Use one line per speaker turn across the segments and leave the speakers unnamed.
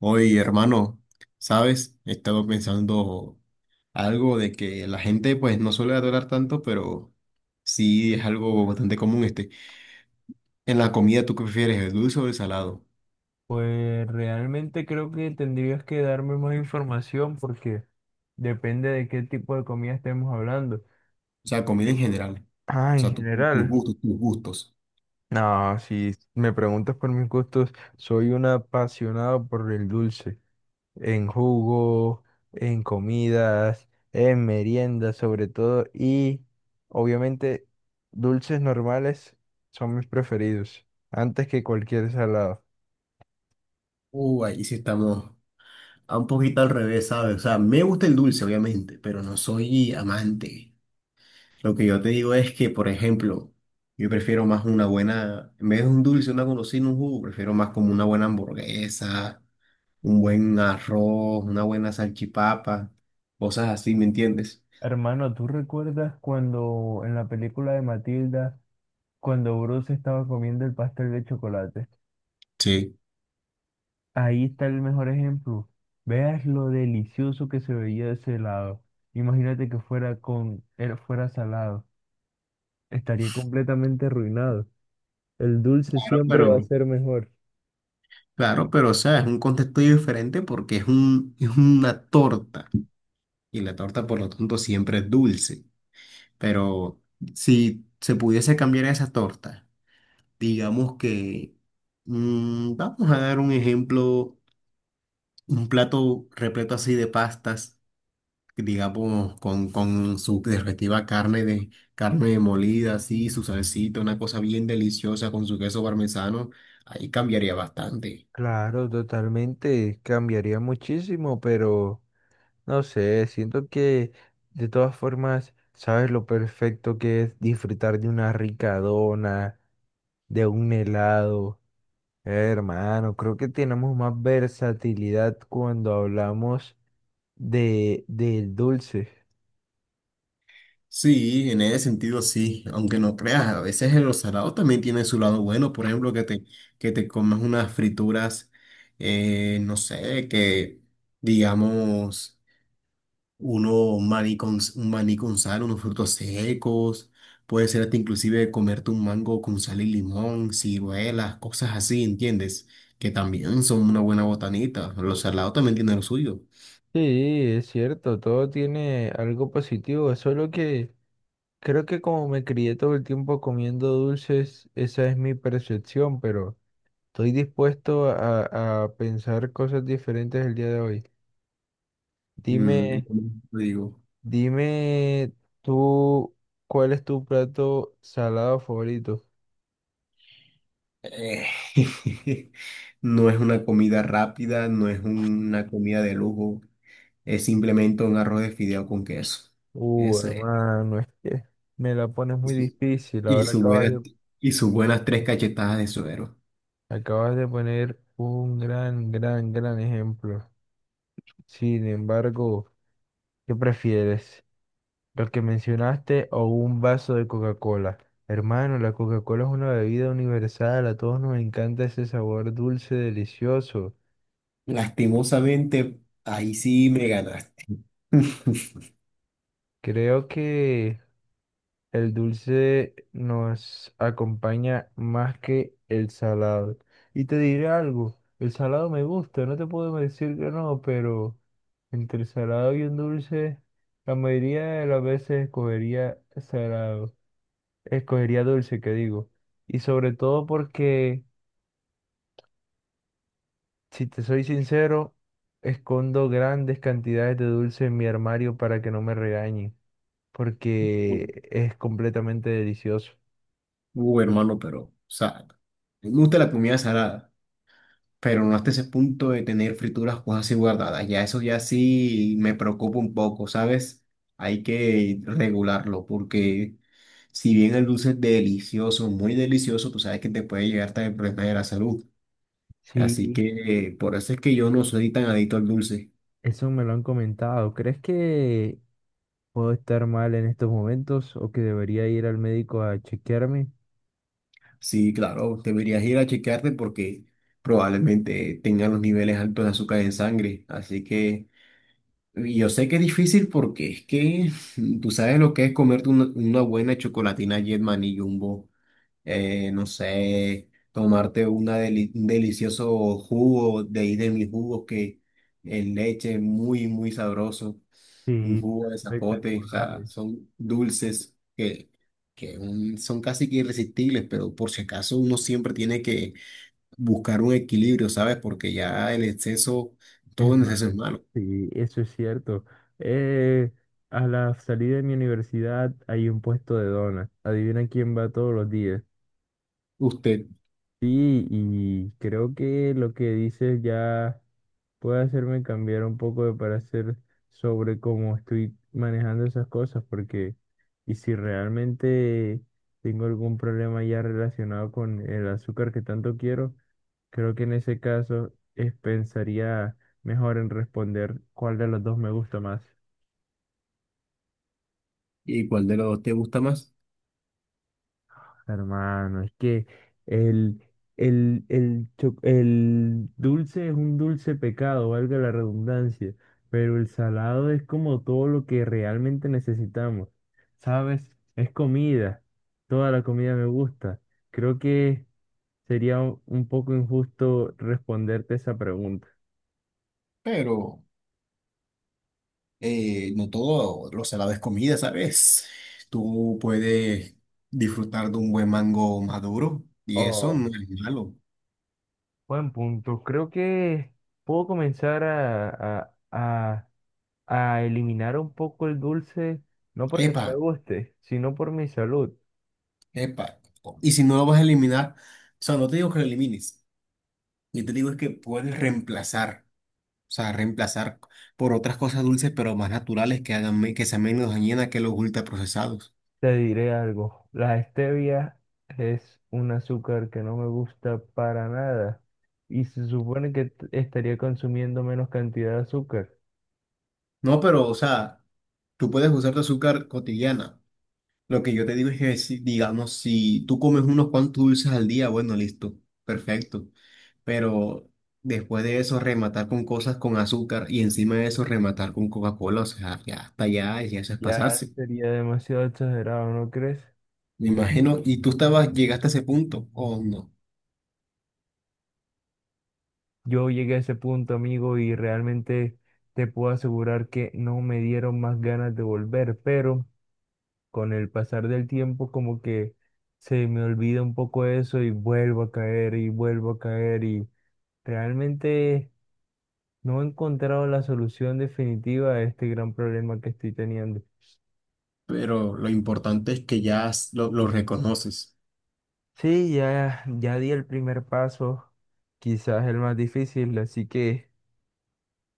Oye, hermano, ¿sabes? He estado pensando algo de que la gente pues no suele adorar tanto, pero sí es algo bastante común este. En la comida, ¿tú qué prefieres, el dulce o el salado?
Pues realmente creo que tendrías que darme más información porque depende de qué tipo de comida estemos hablando.
O sea, comida
Sí.
en general.
Ah,
O
en
sea, tus
general.
gustos, tus gustos.
No, si me preguntas por mis gustos, soy un apasionado por el dulce, en jugo, en comidas, en meriendas sobre todo, y obviamente dulces normales son mis preferidos, antes que cualquier salado.
Ahí sí estamos a un poquito al revés, ¿sabes? O sea, me gusta el dulce, obviamente, pero no soy amante. Lo que yo te digo es que, por ejemplo, yo prefiero más una buena, en vez de un dulce, una golosina, un jugo, prefiero más como una buena hamburguesa, un buen arroz, una buena salchipapa, cosas así, ¿me entiendes?
Hermano, ¿tú recuerdas cuando en la película de Matilda, cuando Bruce estaba comiendo el pastel de chocolate?
Sí.
Ahí está el mejor ejemplo. Veas lo delicioso que se veía ese helado. Imagínate que fuera fuera salado. Estaría completamente arruinado. El dulce
Claro,
siempre va a
pero,
ser mejor.
claro, pero, o sea, es un contexto diferente porque es una torta y la torta, por lo tanto, siempre es dulce. Pero si se pudiese cambiar esa torta, digamos que, vamos a dar un ejemplo. Un plato repleto así de pastas, digamos, con su respectiva carne molida, así, su salsita, una cosa bien deliciosa con su queso parmesano, ahí cambiaría bastante.
Claro, totalmente, cambiaría muchísimo, pero no sé, siento que de todas formas sabes lo perfecto que es disfrutar de una rica dona, de un helado. Hermano, creo que tenemos más versatilidad cuando hablamos del dulce.
Sí, en ese sentido sí, aunque no creas, a veces el salado también tiene su lado bueno, por ejemplo, que te comas unas frituras, no sé, que digamos un maní con sal, unos frutos secos, puede ser hasta inclusive comerte un mango con sal y limón, ciruelas, cosas así, ¿entiendes? Que también son una buena botanita. Los salados también tienen lo suyo.
Sí, es cierto, todo tiene algo positivo, solo que creo que como me crié todo el tiempo comiendo dulces, esa es mi percepción, pero estoy dispuesto a pensar cosas diferentes el día de hoy.
Mm, y
Dime,
como te digo,
dime tú, ¿cuál es tu plato salado favorito?
eh, no es una comida rápida, no es una comida de lujo, es simplemente un arroz de fideo con queso. Eso es.
Hermano, es que me la pones
Y
muy
su-
difícil.
y
Ahora
su buena- y sus buenas 3 cachetadas de suero.
acabas de poner un gran, gran, gran ejemplo. Sin embargo, ¿qué prefieres? ¿Lo que mencionaste o un vaso de Coca-Cola? Hermano, la Coca-Cola es una bebida universal. A todos nos encanta ese sabor dulce, delicioso.
Lastimosamente, ahí sí me ganaste.
Creo que el dulce nos acompaña más que el salado. Y te diré algo, el salado me gusta, no te puedo decir que no, pero entre el salado y un dulce, la mayoría de las veces escogería dulce, que digo. Y sobre todo porque, si te soy sincero, escondo grandes cantidades de dulce en mi armario para que no me regañen, porque es completamente delicioso.
Hermano, pero, o sea, me gusta la comida salada, pero no hasta ese punto de tener frituras cosas así guardadas. Ya eso ya sí me preocupa un poco, ¿sabes? Hay que regularlo porque si bien el dulce es delicioso, muy delicioso, tú sabes que te puede llegar hasta el problema de la salud. Así
Sí,
que por eso es que yo no soy tan adicto al dulce.
eso me lo han comentado. ¿Crees que puedo estar mal en estos momentos o que debería ir al médico a chequearme?
Sí, claro, deberías ir a chequearte porque probablemente tengan los niveles altos de azúcar en sangre. Así que y yo sé que es difícil porque es que tú sabes lo que es comerte una buena chocolatina Jetman y Jumbo, no sé, tomarte un delicioso jugo de ahí de mis jugos que en leche muy, muy sabroso, un
Sí,
jugo de zapote, o
espectacular.
sea, son dulces que, son casi que irresistibles, pero por si acaso uno siempre tiene que buscar un equilibrio, ¿sabes? Porque ya el exceso, todo
Es
en exceso
malo.
es malo.
Sí, eso es cierto. Eh, a la salida de mi universidad hay un puesto de donas. Adivina quién va todos los días.
¿Usted?
Sí, y creo que lo que dices ya puede hacerme cambiar un poco de parecer sobre cómo estoy manejando esas cosas, porque si realmente tengo algún problema ya relacionado con el azúcar que tanto quiero, creo que en ese pensaría mejor en responder cuál de los dos me gusta más.
¿Y cuál de los dos te gusta más?
Hermano, es que el, el dulce es un dulce pecado, valga la redundancia, pero el salado es como todo lo que realmente necesitamos, ¿sabes? Es comida, toda la comida me gusta. Creo que sería un poco injusto responderte esa pregunta.
Pero... no todo lo salado es comida, ¿sabes? Tú puedes disfrutar de un buen mango maduro y eso
Oh,
no es malo.
buen punto. Creo que puedo comenzar a eliminar un poco el dulce, no porque no
Epa,
me guste, sino por mi salud.
epa. Y si no lo vas a eliminar, o sea, no te digo que lo elimines, yo te digo es que puedes reemplazar, o sea, reemplazar por otras cosas dulces pero más naturales que hagan, que sean menos dañinas que los ultraprocesados.
Te diré algo, la stevia es un azúcar que no me gusta para nada y se supone que estaría consumiendo menos cantidad de azúcar.
No, pero, o sea, tú puedes usar tu azúcar cotidiana. Lo que yo te digo es que, si, digamos, si tú comes unos cuantos dulces al día, bueno, listo, perfecto. Pero después de eso, rematar con cosas con azúcar y encima de eso, rematar con Coca-Cola, o sea, ya hasta allá, ya eso es
Ya
pasarse.
sería demasiado exagerado, ¿no crees?
Me imagino, y tú estabas, llegaste a ese punto, o no.
Yo llegué a ese punto, amigo, y realmente te puedo asegurar que no me dieron más ganas de volver, pero con el pasar del tiempo como que se me olvida un poco eso y vuelvo a caer y vuelvo a caer y realmente no he encontrado la solución definitiva a este gran problema que estoy teniendo.
Pero lo importante es que lo reconoces.
Sí, ya di el primer paso, quizás el más difícil, así que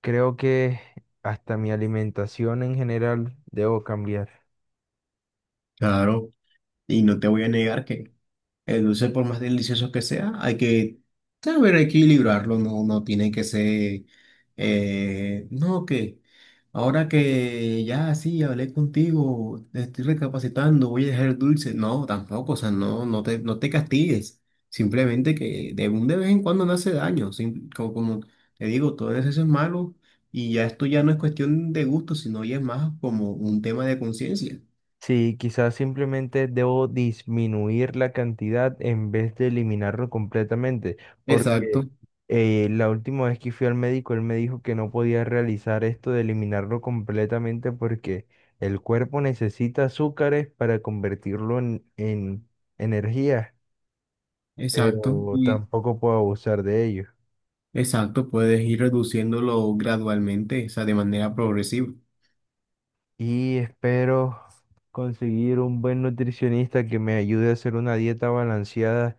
creo que hasta mi alimentación en general debo cambiar.
Claro, y no te voy a negar. El dulce, por más delicioso que sea, hay que saber equilibrarlo, no, no tiene que ser, no, que ahora que ya sí hablé contigo, estoy recapacitando, voy a dejar el dulce. No, tampoco, o sea, no te castigues. Simplemente que de un de vez en cuando no hace daño. Como, como te digo, todo eso es malo y ya esto ya no es cuestión de gusto, sino ya es más como un tema de conciencia.
Sí, quizás simplemente debo disminuir la cantidad en vez de eliminarlo completamente, porque
Exacto,
la última vez que fui al médico, él me dijo que no podía realizar esto de eliminarlo completamente porque el cuerpo necesita azúcares para convertirlo en energía,
exacto.
pero
Y
tampoco puedo abusar de ello.
exacto, puedes ir reduciéndolo gradualmente, o sea, de manera progresiva.
Y espero conseguir un buen nutricionista que me ayude a hacer una dieta balanceada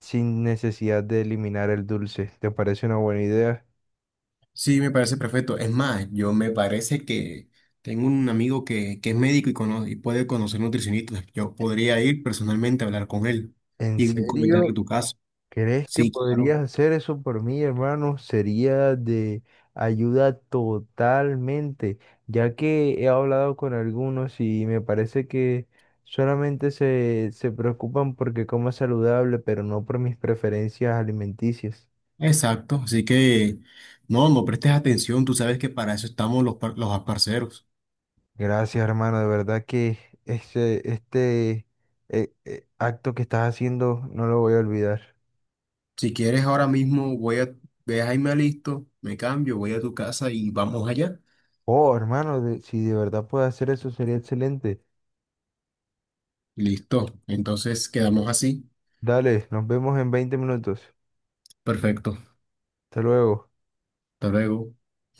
sin necesidad de eliminar el dulce. ¿Te parece una buena idea?
Sí, me parece perfecto. Es más, yo me parece que tengo un amigo que es médico y, y puede conocer nutricionistas. Yo podría ir personalmente a hablar con él
¿En
y comentarle
serio?
tu caso.
¿Crees que
Sí, claro.
podrías hacer eso por mí, hermano? Sería de ayuda totalmente, ya que he hablado con algunos y me parece que solamente se preocupan porque como saludable, pero no por mis preferencias alimenticias.
Exacto, así que no prestes atención, tú sabes que para eso estamos los, los parceros.
Gracias, hermano. De verdad que este acto que estás haciendo no lo voy a olvidar.
Si quieres, ahora mismo voy a, deja y me listo, me cambio, voy a tu casa y vamos allá.
Oh, hermano, si de verdad puedo hacer eso sería excelente.
Listo, entonces quedamos así.
Dale, nos vemos en 20 minutos.
Perfecto.
Hasta luego.
Hasta luego.